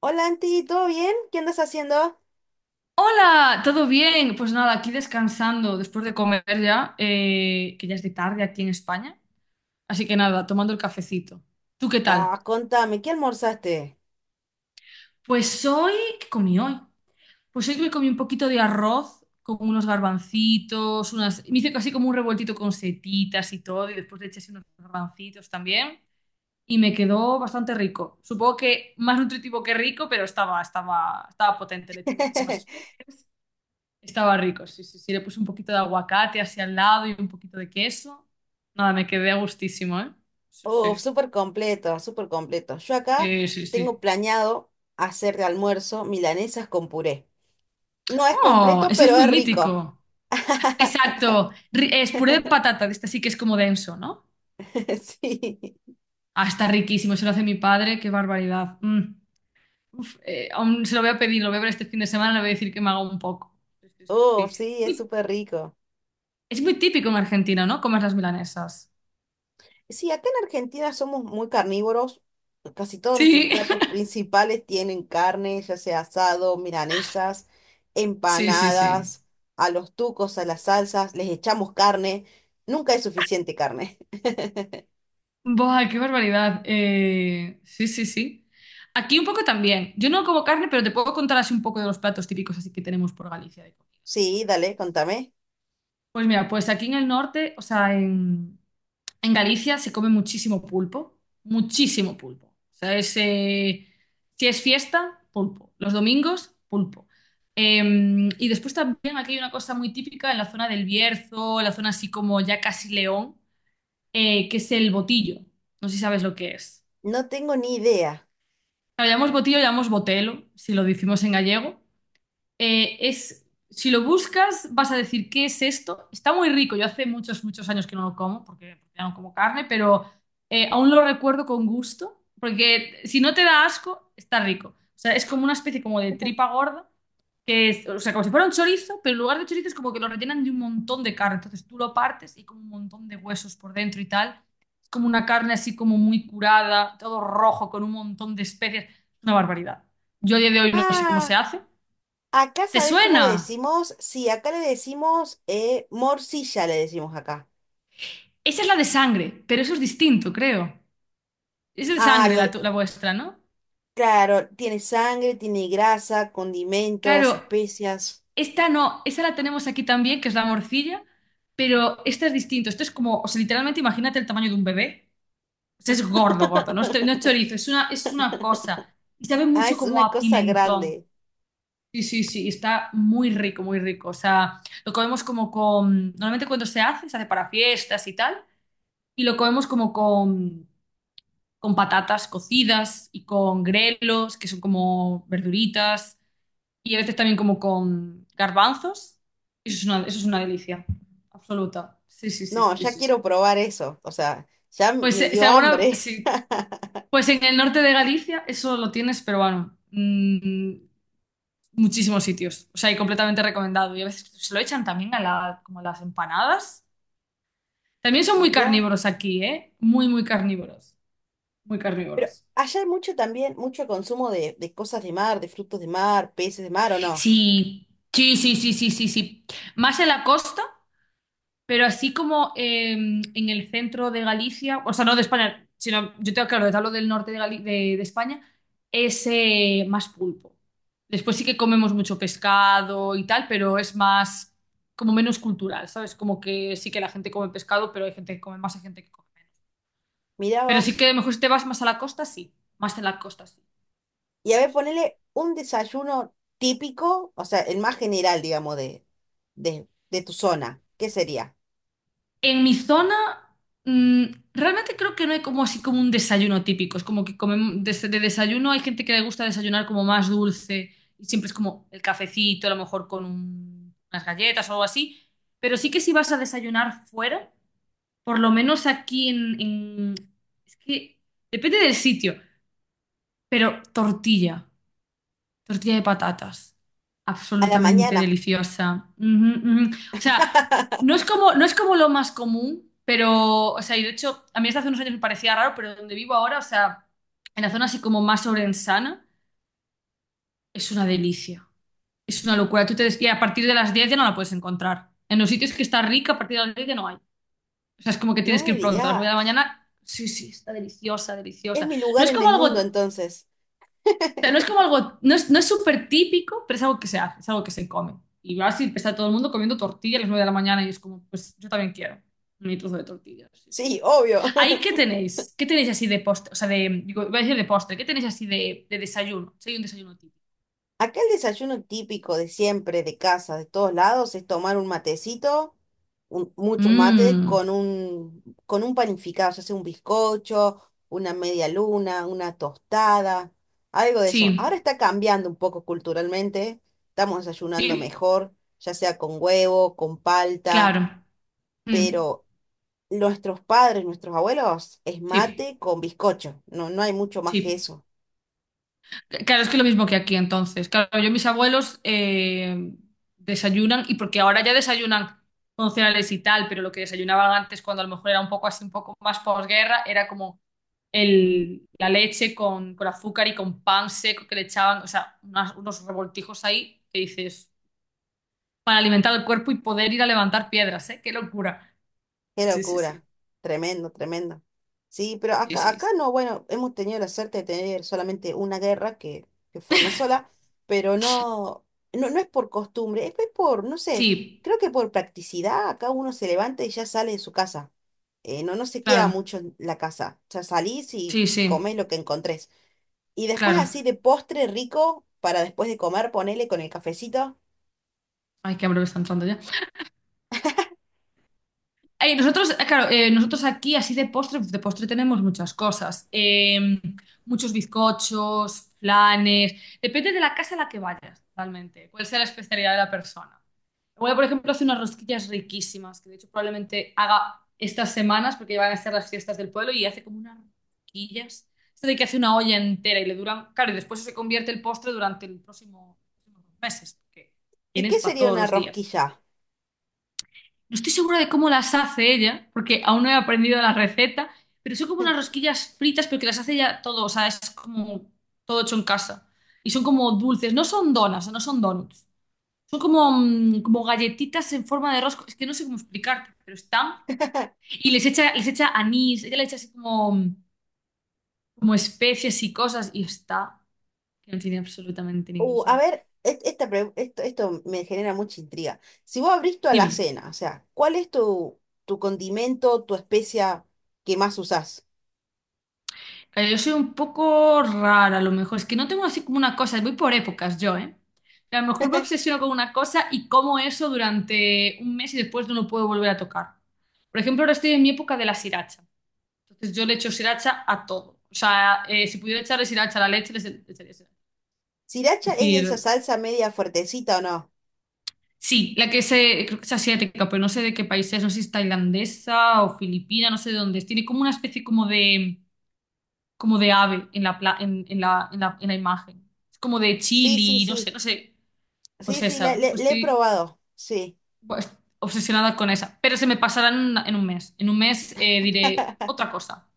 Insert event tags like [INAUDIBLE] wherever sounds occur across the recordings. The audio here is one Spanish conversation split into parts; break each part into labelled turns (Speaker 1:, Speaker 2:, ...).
Speaker 1: Hola, Anti, ¿todo bien? ¿Qué andas haciendo?
Speaker 2: Hola, ¿todo bien? Pues nada, aquí descansando después de comer ya, que ya es de tarde aquí en España. Así que nada, tomando el cafecito. ¿Tú qué
Speaker 1: Ah,
Speaker 2: tal?
Speaker 1: contame, ¿qué almorzaste?
Speaker 2: Pues hoy, ¿qué comí hoy? Pues hoy me comí un poquito de arroz con unos garbancitos, Me hice casi como un revueltito con setitas y todo, y después le eché así unos garbancitos también. Y me quedó bastante rico. Supongo que más nutritivo que rico, pero estaba potente, le eché muchísimas
Speaker 1: [LAUGHS]
Speaker 2: especias. Estaba rico, sí, sí, sí. Le puse un poquito de aguacate hacia al lado y un poquito de queso. Nada, me quedé a gustísimo, ¿eh? Sí,
Speaker 1: Uf,
Speaker 2: sí.
Speaker 1: súper completo, súper completo. Yo acá
Speaker 2: Sí, sí,
Speaker 1: tengo
Speaker 2: sí.
Speaker 1: planeado hacer de almuerzo milanesas con puré. No es
Speaker 2: Oh,
Speaker 1: completo,
Speaker 2: ese es
Speaker 1: pero
Speaker 2: muy
Speaker 1: es rico.
Speaker 2: mítico.
Speaker 1: [LAUGHS]
Speaker 2: Exacto. Es puré de patata, de este sí que es como denso, ¿no?
Speaker 1: Sí.
Speaker 2: Ah, está riquísimo, se lo hace mi padre, qué barbaridad. Mm. Uf, aún se lo voy a pedir, lo voy a ver este fin de semana, le voy a decir que me haga un poco. Sí, sí, sí,
Speaker 1: Uf,
Speaker 2: sí.
Speaker 1: sí, es súper rico.
Speaker 2: Es muy típico en Argentina, ¿no? Comer las milanesas.
Speaker 1: Sí, acá en Argentina somos muy carnívoros. Casi todos nuestros
Speaker 2: Sí,
Speaker 1: platos principales tienen carne, ya sea asado, milanesas,
Speaker 2: [LAUGHS] sí, sí, sí.
Speaker 1: empanadas, a los tucos, a las salsas, les echamos carne. Nunca es suficiente carne. [LAUGHS]
Speaker 2: Buah, qué barbaridad. Sí, sí, sí. Aquí un poco también. Yo no como carne, pero te puedo contar así un poco de los platos típicos así que tenemos por Galicia de comida,
Speaker 1: Sí,
Speaker 2: si
Speaker 1: dale,
Speaker 2: quieres.
Speaker 1: contame.
Speaker 2: Pues mira, pues aquí en el norte, o sea, en Galicia se come muchísimo pulpo, muchísimo pulpo. O sea, es, si es fiesta, pulpo. Los domingos, pulpo. Eh, y después también aquí hay una cosa muy típica en la zona del Bierzo, en la zona así como ya casi León, que es el botillo. No sé si sabes lo que es.
Speaker 1: No tengo ni idea.
Speaker 2: Lo llamamos botillo, lo llamamos botelo, si lo decimos en gallego. Es, si lo buscas, vas a decir, ¿qué es esto? Está muy rico. Yo hace muchos, muchos años que no lo como, porque ya no como carne, pero aún lo recuerdo con gusto, porque si no te da asco, está rico. O sea, es como una especie como de tripa gorda, que es, o sea, como si fuera un chorizo, pero en lugar de chorizo es como que lo rellenan de un montón de carne. Entonces tú lo partes y como un montón de huesos por dentro y tal. Es como una carne así como muy curada, todo rojo, con un montón de especias. Una barbaridad. Yo a día de hoy no sé cómo se
Speaker 1: Ah,
Speaker 2: hace.
Speaker 1: acá
Speaker 2: ¿Te
Speaker 1: sabes cómo
Speaker 2: suena?
Speaker 1: le decimos. Sí, acá le decimos morcilla, le decimos acá.
Speaker 2: Esa es la de sangre, pero eso es distinto, creo. Esa es de
Speaker 1: Ah,
Speaker 2: sangre la vuestra, ¿no?
Speaker 1: claro, tiene sangre, tiene grasa,
Speaker 2: Claro,
Speaker 1: condimentos, especias.
Speaker 2: esta no, esa la tenemos aquí también, que es la morcilla, pero esta es distinto. Esto es como, o sea, literalmente imagínate el tamaño de un bebé. Pues es gordo, gordo, no es chorizo, es una cosa. Y sabe
Speaker 1: Ah,
Speaker 2: mucho
Speaker 1: es
Speaker 2: como
Speaker 1: una
Speaker 2: a
Speaker 1: cosa
Speaker 2: pimentón.
Speaker 1: grande.
Speaker 2: Sí, sí, sí, está muy rico, muy rico. O sea, lo comemos como con... Normalmente cuando se hace para fiestas y tal, y lo comemos como con patatas cocidas y con grelos, que son como verduritas, y a veces también como con garbanzos. Eso es una delicia absoluta. Sí, sí, sí,
Speaker 1: No,
Speaker 2: sí,
Speaker 1: ya
Speaker 2: sí. Sí.
Speaker 1: quiero probar eso. O sea, ya
Speaker 2: Pues
Speaker 1: me
Speaker 2: si
Speaker 1: dio
Speaker 2: alguna,
Speaker 1: hambre.
Speaker 2: si
Speaker 1: [LAUGHS]
Speaker 2: pues en el norte de Galicia eso lo tienes, pero bueno, muchísimos sitios. O sea, y completamente recomendado. Y a veces se lo echan también como a las empanadas. También son muy
Speaker 1: Mirá.
Speaker 2: carnívoros aquí, ¿eh? Muy, muy carnívoros. Muy
Speaker 1: Pero
Speaker 2: carnívoros.
Speaker 1: allá hay mucho también, mucho consumo de cosas de mar, de frutos de mar, peces de mar, ¿o no?
Speaker 2: Sí, sí, sí, sí, sí, sí, sí. Más en la costa. Pero así como en el centro de Galicia, o sea, no de España, sino yo tengo claro, te hablo del norte de, de España, es más pulpo. Después sí que comemos mucho pescado y tal, pero es más, como menos cultural, ¿sabes? Como que sí que la gente come pescado, pero hay gente que come más, hay gente que come menos.
Speaker 1: Mirá
Speaker 2: Pero sí
Speaker 1: vos.
Speaker 2: que a lo mejor si te vas más a la costa, sí. Más en la costa, sí.
Speaker 1: Y a
Speaker 2: Sí,
Speaker 1: ver,
Speaker 2: sí, sí.
Speaker 1: ponele un desayuno típico, o sea, el más general, digamos, de tu zona. ¿Qué sería?
Speaker 2: En mi zona, mm, realmente creo que no hay como así como un desayuno típico. Es como que comemos de desayuno hay gente que le gusta desayunar como más dulce y siempre es como el cafecito, a lo mejor con unas galletas o algo así. Pero sí que si vas a desayunar fuera, por lo menos aquí es que depende del sitio, pero tortilla. Tortilla de patatas.
Speaker 1: A la
Speaker 2: Absolutamente
Speaker 1: mañana.
Speaker 2: deliciosa. Ujú, ujú. O sea, no es
Speaker 1: [LAUGHS]
Speaker 2: como, no es como lo más común, pero, o sea, y de hecho, a mí hasta hace unos años me parecía raro, pero donde vivo ahora, o sea, en la zona así como más orensana, es una delicia. Es una locura. Y a partir de las 10 ya no la puedes encontrar. En los sitios que está rica, a partir de las 10 ya no hay. O sea, es como que
Speaker 1: No
Speaker 2: tienes que
Speaker 1: me
Speaker 2: ir pronto, a las 9 de la
Speaker 1: digas.
Speaker 2: mañana. Sí, sí, está deliciosa,
Speaker 1: Es
Speaker 2: deliciosa.
Speaker 1: mi
Speaker 2: No
Speaker 1: lugar
Speaker 2: es
Speaker 1: en
Speaker 2: como
Speaker 1: el mundo,
Speaker 2: algo.
Speaker 1: entonces.
Speaker 2: O sea, no es como algo, no es súper típico, pero es algo que se hace, es algo que se come. Y vas y está todo el mundo comiendo tortilla a las 9 de la mañana y es como, pues yo también quiero mi trozo de tortilla. Sí, sí, sí.
Speaker 1: Sí, obvio.
Speaker 2: Ahí,
Speaker 1: [LAUGHS]
Speaker 2: ¿qué tenéis? ¿Qué tenéis así de postre? O sea, de, digo, iba a decir de postre, ¿qué tenéis así de desayuno? Si hay un desayuno típico.
Speaker 1: Acá el desayuno típico de siempre, de casa, de todos lados, es tomar un matecito, muchos mates,
Speaker 2: Mm,
Speaker 1: con un panificado, ya sea un bizcocho, una media luna, una tostada, algo de eso. Ahora
Speaker 2: sí,
Speaker 1: está cambiando un poco culturalmente, estamos desayunando
Speaker 2: sí,
Speaker 1: mejor, ya sea con huevo, con palta,
Speaker 2: claro. Mm,
Speaker 1: pero nuestros padres, nuestros abuelos, es
Speaker 2: sí,
Speaker 1: mate con bizcocho, no hay mucho más que
Speaker 2: sí.
Speaker 1: eso.
Speaker 2: Claro, es que lo mismo que aquí entonces. Claro, yo mis abuelos desayunan y porque ahora ya desayunan con cereales y tal, pero lo que desayunaban antes cuando a lo mejor era un poco así, un poco más posguerra, era como la leche con azúcar y con pan seco que le echaban, o sea, unos revoltijos ahí que dices, para alimentar el cuerpo y poder ir a levantar piedras, ¿eh? ¡Qué locura!
Speaker 1: Qué
Speaker 2: Sí, sí,
Speaker 1: locura,
Speaker 2: sí.
Speaker 1: tremendo, tremendo. Sí, pero
Speaker 2: Sí, sí,
Speaker 1: acá
Speaker 2: sí.
Speaker 1: no, bueno, hemos tenido la suerte de tener solamente una guerra, que fue una sola, pero no es por costumbre, es por, no sé,
Speaker 2: Sí,
Speaker 1: creo que por practicidad acá uno se levanta y ya sale de su casa. No se queda
Speaker 2: claro.
Speaker 1: mucho en la casa, o sea, salís y
Speaker 2: Sí, sí,
Speaker 1: comés lo que encontrés. Y después
Speaker 2: claro.
Speaker 1: así de postre rico, para después de comer, ponele con el cafecito.
Speaker 2: Ay, qué hambre me está entrando ya. Ay, claro, nosotros aquí así de postre, pues de postre tenemos muchas cosas. Muchos bizcochos, flanes. Depende de la casa a la que vayas, realmente. Cuál sea la especialidad de la persona. Voy, por ejemplo, hace unas rosquillas riquísimas, que de hecho probablemente haga estas semanas, porque van a ser las fiestas del pueblo, y hace como unas rosquillas. Esto de que hace una olla entera y le duran, claro, y después se convierte el postre durante los próximos meses, porque
Speaker 1: ¿Y
Speaker 2: tienes
Speaker 1: qué
Speaker 2: para
Speaker 1: sería
Speaker 2: todos
Speaker 1: una
Speaker 2: los días.
Speaker 1: rosquilla?
Speaker 2: No estoy segura de cómo las hace ella, porque aún no he aprendido la receta, pero son como unas rosquillas fritas, pero que las hace ella todo, o sea, es como todo hecho en casa. Y son como dulces, no son donas, no son donuts. Son como, como galletitas en forma de rosco, es que no sé cómo explicarte, pero están. Y les echa anís, ella le echa así como, como especias y cosas, y está, que no tiene absolutamente ningún
Speaker 1: A
Speaker 2: sentido.
Speaker 1: ver, esto, me genera mucha intriga. Si vos abrís toda la
Speaker 2: Dime.
Speaker 1: cena, o sea, ¿cuál es tu condimento, tu especia que más usás?
Speaker 2: Yo soy un poco rara, a lo mejor. Es que no tengo así como una cosa, voy por épocas yo, ¿eh? A lo mejor me
Speaker 1: [LAUGHS]
Speaker 2: obsesiono con una cosa y como eso durante un mes y después no lo puedo volver a tocar. Por ejemplo, ahora estoy en mi época de la sriracha. Entonces yo le echo sriracha a todo. O sea, si pudiera echarle sriracha a la leche, le echaría sriracha. Es
Speaker 1: ¿Sriracha es esa
Speaker 2: decir,
Speaker 1: salsa media fuertecita o no?
Speaker 2: sí, creo que es asiática, pero no sé de qué país es, no sé si es tailandesa o filipina, no sé de dónde es. Tiene como una especie como de ave en la, en la imagen. Es como de
Speaker 1: Sí, sí,
Speaker 2: chili, no sé,
Speaker 1: sí.
Speaker 2: no sé. Pues
Speaker 1: Sí, sí,
Speaker 2: esa, uf,
Speaker 1: le he
Speaker 2: estoy
Speaker 1: probado. Sí.
Speaker 2: pues, obsesionada con esa. Pero se me pasará en un mes. En un mes diré
Speaker 1: [LAUGHS]
Speaker 2: otra cosa,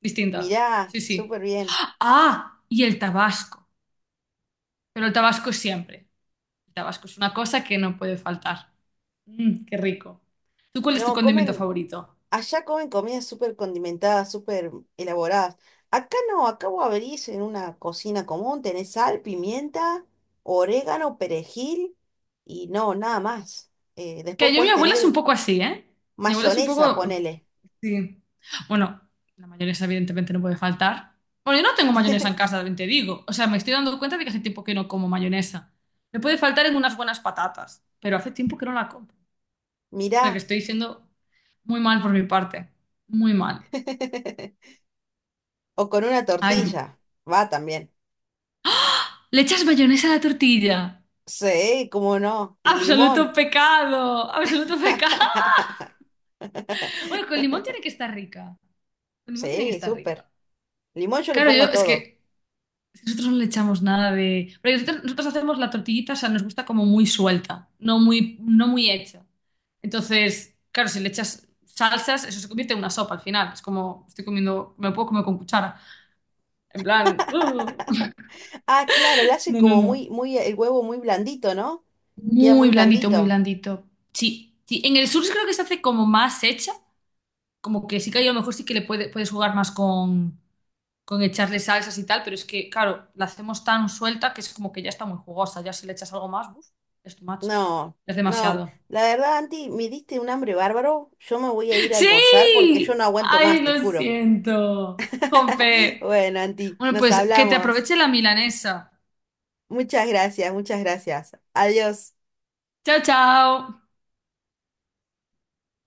Speaker 2: distinta.
Speaker 1: Mirá,
Speaker 2: Sí, sí.
Speaker 1: súper bien.
Speaker 2: Ah, y el tabasco. Pero el tabasco es siempre. El tabasco es una cosa que no puede faltar. Mm, qué rico. ¿Tú cuál es tu
Speaker 1: No,
Speaker 2: condimento
Speaker 1: comen.
Speaker 2: favorito?
Speaker 1: Allá comen comidas súper condimentadas, súper elaboradas. Acá no, acá vos abrís en una cocina común, tenés sal, pimienta, orégano, perejil y no, nada más. Después
Speaker 2: Que yo, mi
Speaker 1: puedes
Speaker 2: abuela es un
Speaker 1: tener
Speaker 2: poco así, ¿eh? Mi abuela es un
Speaker 1: mayonesa,
Speaker 2: poco.
Speaker 1: ponele.
Speaker 2: Sí. Bueno, la mayonesa evidentemente no puede faltar. Bueno, yo no tengo mayonesa en casa, también te digo. O sea, me estoy dando cuenta de que hace tiempo que no como mayonesa. Me puede faltar en unas buenas patatas, pero hace tiempo que no la compro. O sea, que
Speaker 1: Mirá,
Speaker 2: estoy siendo muy mal por mi parte. Muy mal.
Speaker 1: [LAUGHS] o con una
Speaker 2: Ay,
Speaker 1: tortilla, va también.
Speaker 2: ¿le echas mayonesa a la tortilla?
Speaker 1: Sí, cómo no. Y
Speaker 2: Absoluto
Speaker 1: limón.
Speaker 2: pecado, absoluto pecado. [LAUGHS]
Speaker 1: [LAUGHS]
Speaker 2: Bueno, con limón tiene que estar rica. Con limón tiene que
Speaker 1: Sí,
Speaker 2: estar
Speaker 1: súper.
Speaker 2: rica.
Speaker 1: Limón yo le
Speaker 2: Claro,
Speaker 1: pongo
Speaker 2: yo
Speaker 1: a
Speaker 2: es
Speaker 1: todo.
Speaker 2: que si nosotros no le echamos nada de. Porque nosotros hacemos la tortillita, o sea, nos gusta como muy suelta, no muy hecha. Entonces, claro, si le echas salsas, eso se convierte en una sopa al final. Es como, estoy comiendo, me lo puedo comer con cuchara. En plan, ¡uh! [LAUGHS]
Speaker 1: Ah, claro, lo hacen
Speaker 2: No, no,
Speaker 1: como
Speaker 2: no.
Speaker 1: muy, muy, el huevo muy blandito, ¿no? Queda muy
Speaker 2: Muy blandito, muy
Speaker 1: blandito.
Speaker 2: blandito. Sí, sí. En el sur sí creo que se hace como más hecha, como que sí que ahí a lo mejor sí que le puedes jugar más con. Con echarle salsas y tal, pero es que, claro, la hacemos tan suelta que es como que ya está muy jugosa. Ya si le echas algo más, uf, es too much.
Speaker 1: No,
Speaker 2: Es
Speaker 1: no,
Speaker 2: demasiado.
Speaker 1: la verdad, Anti, me diste un hambre bárbaro. Yo me voy a
Speaker 2: [LAUGHS]
Speaker 1: ir a
Speaker 2: ¡Sí!
Speaker 1: almorzar porque yo no aguanto
Speaker 2: ¡Ay,
Speaker 1: más, te
Speaker 2: lo
Speaker 1: juro.
Speaker 2: siento!
Speaker 1: [LAUGHS]
Speaker 2: Jompe.
Speaker 1: Bueno, Anti,
Speaker 2: Bueno,
Speaker 1: nos
Speaker 2: pues que te
Speaker 1: hablamos.
Speaker 2: aproveche la milanesa.
Speaker 1: Muchas gracias, muchas gracias. Adiós.
Speaker 2: Chao, chao.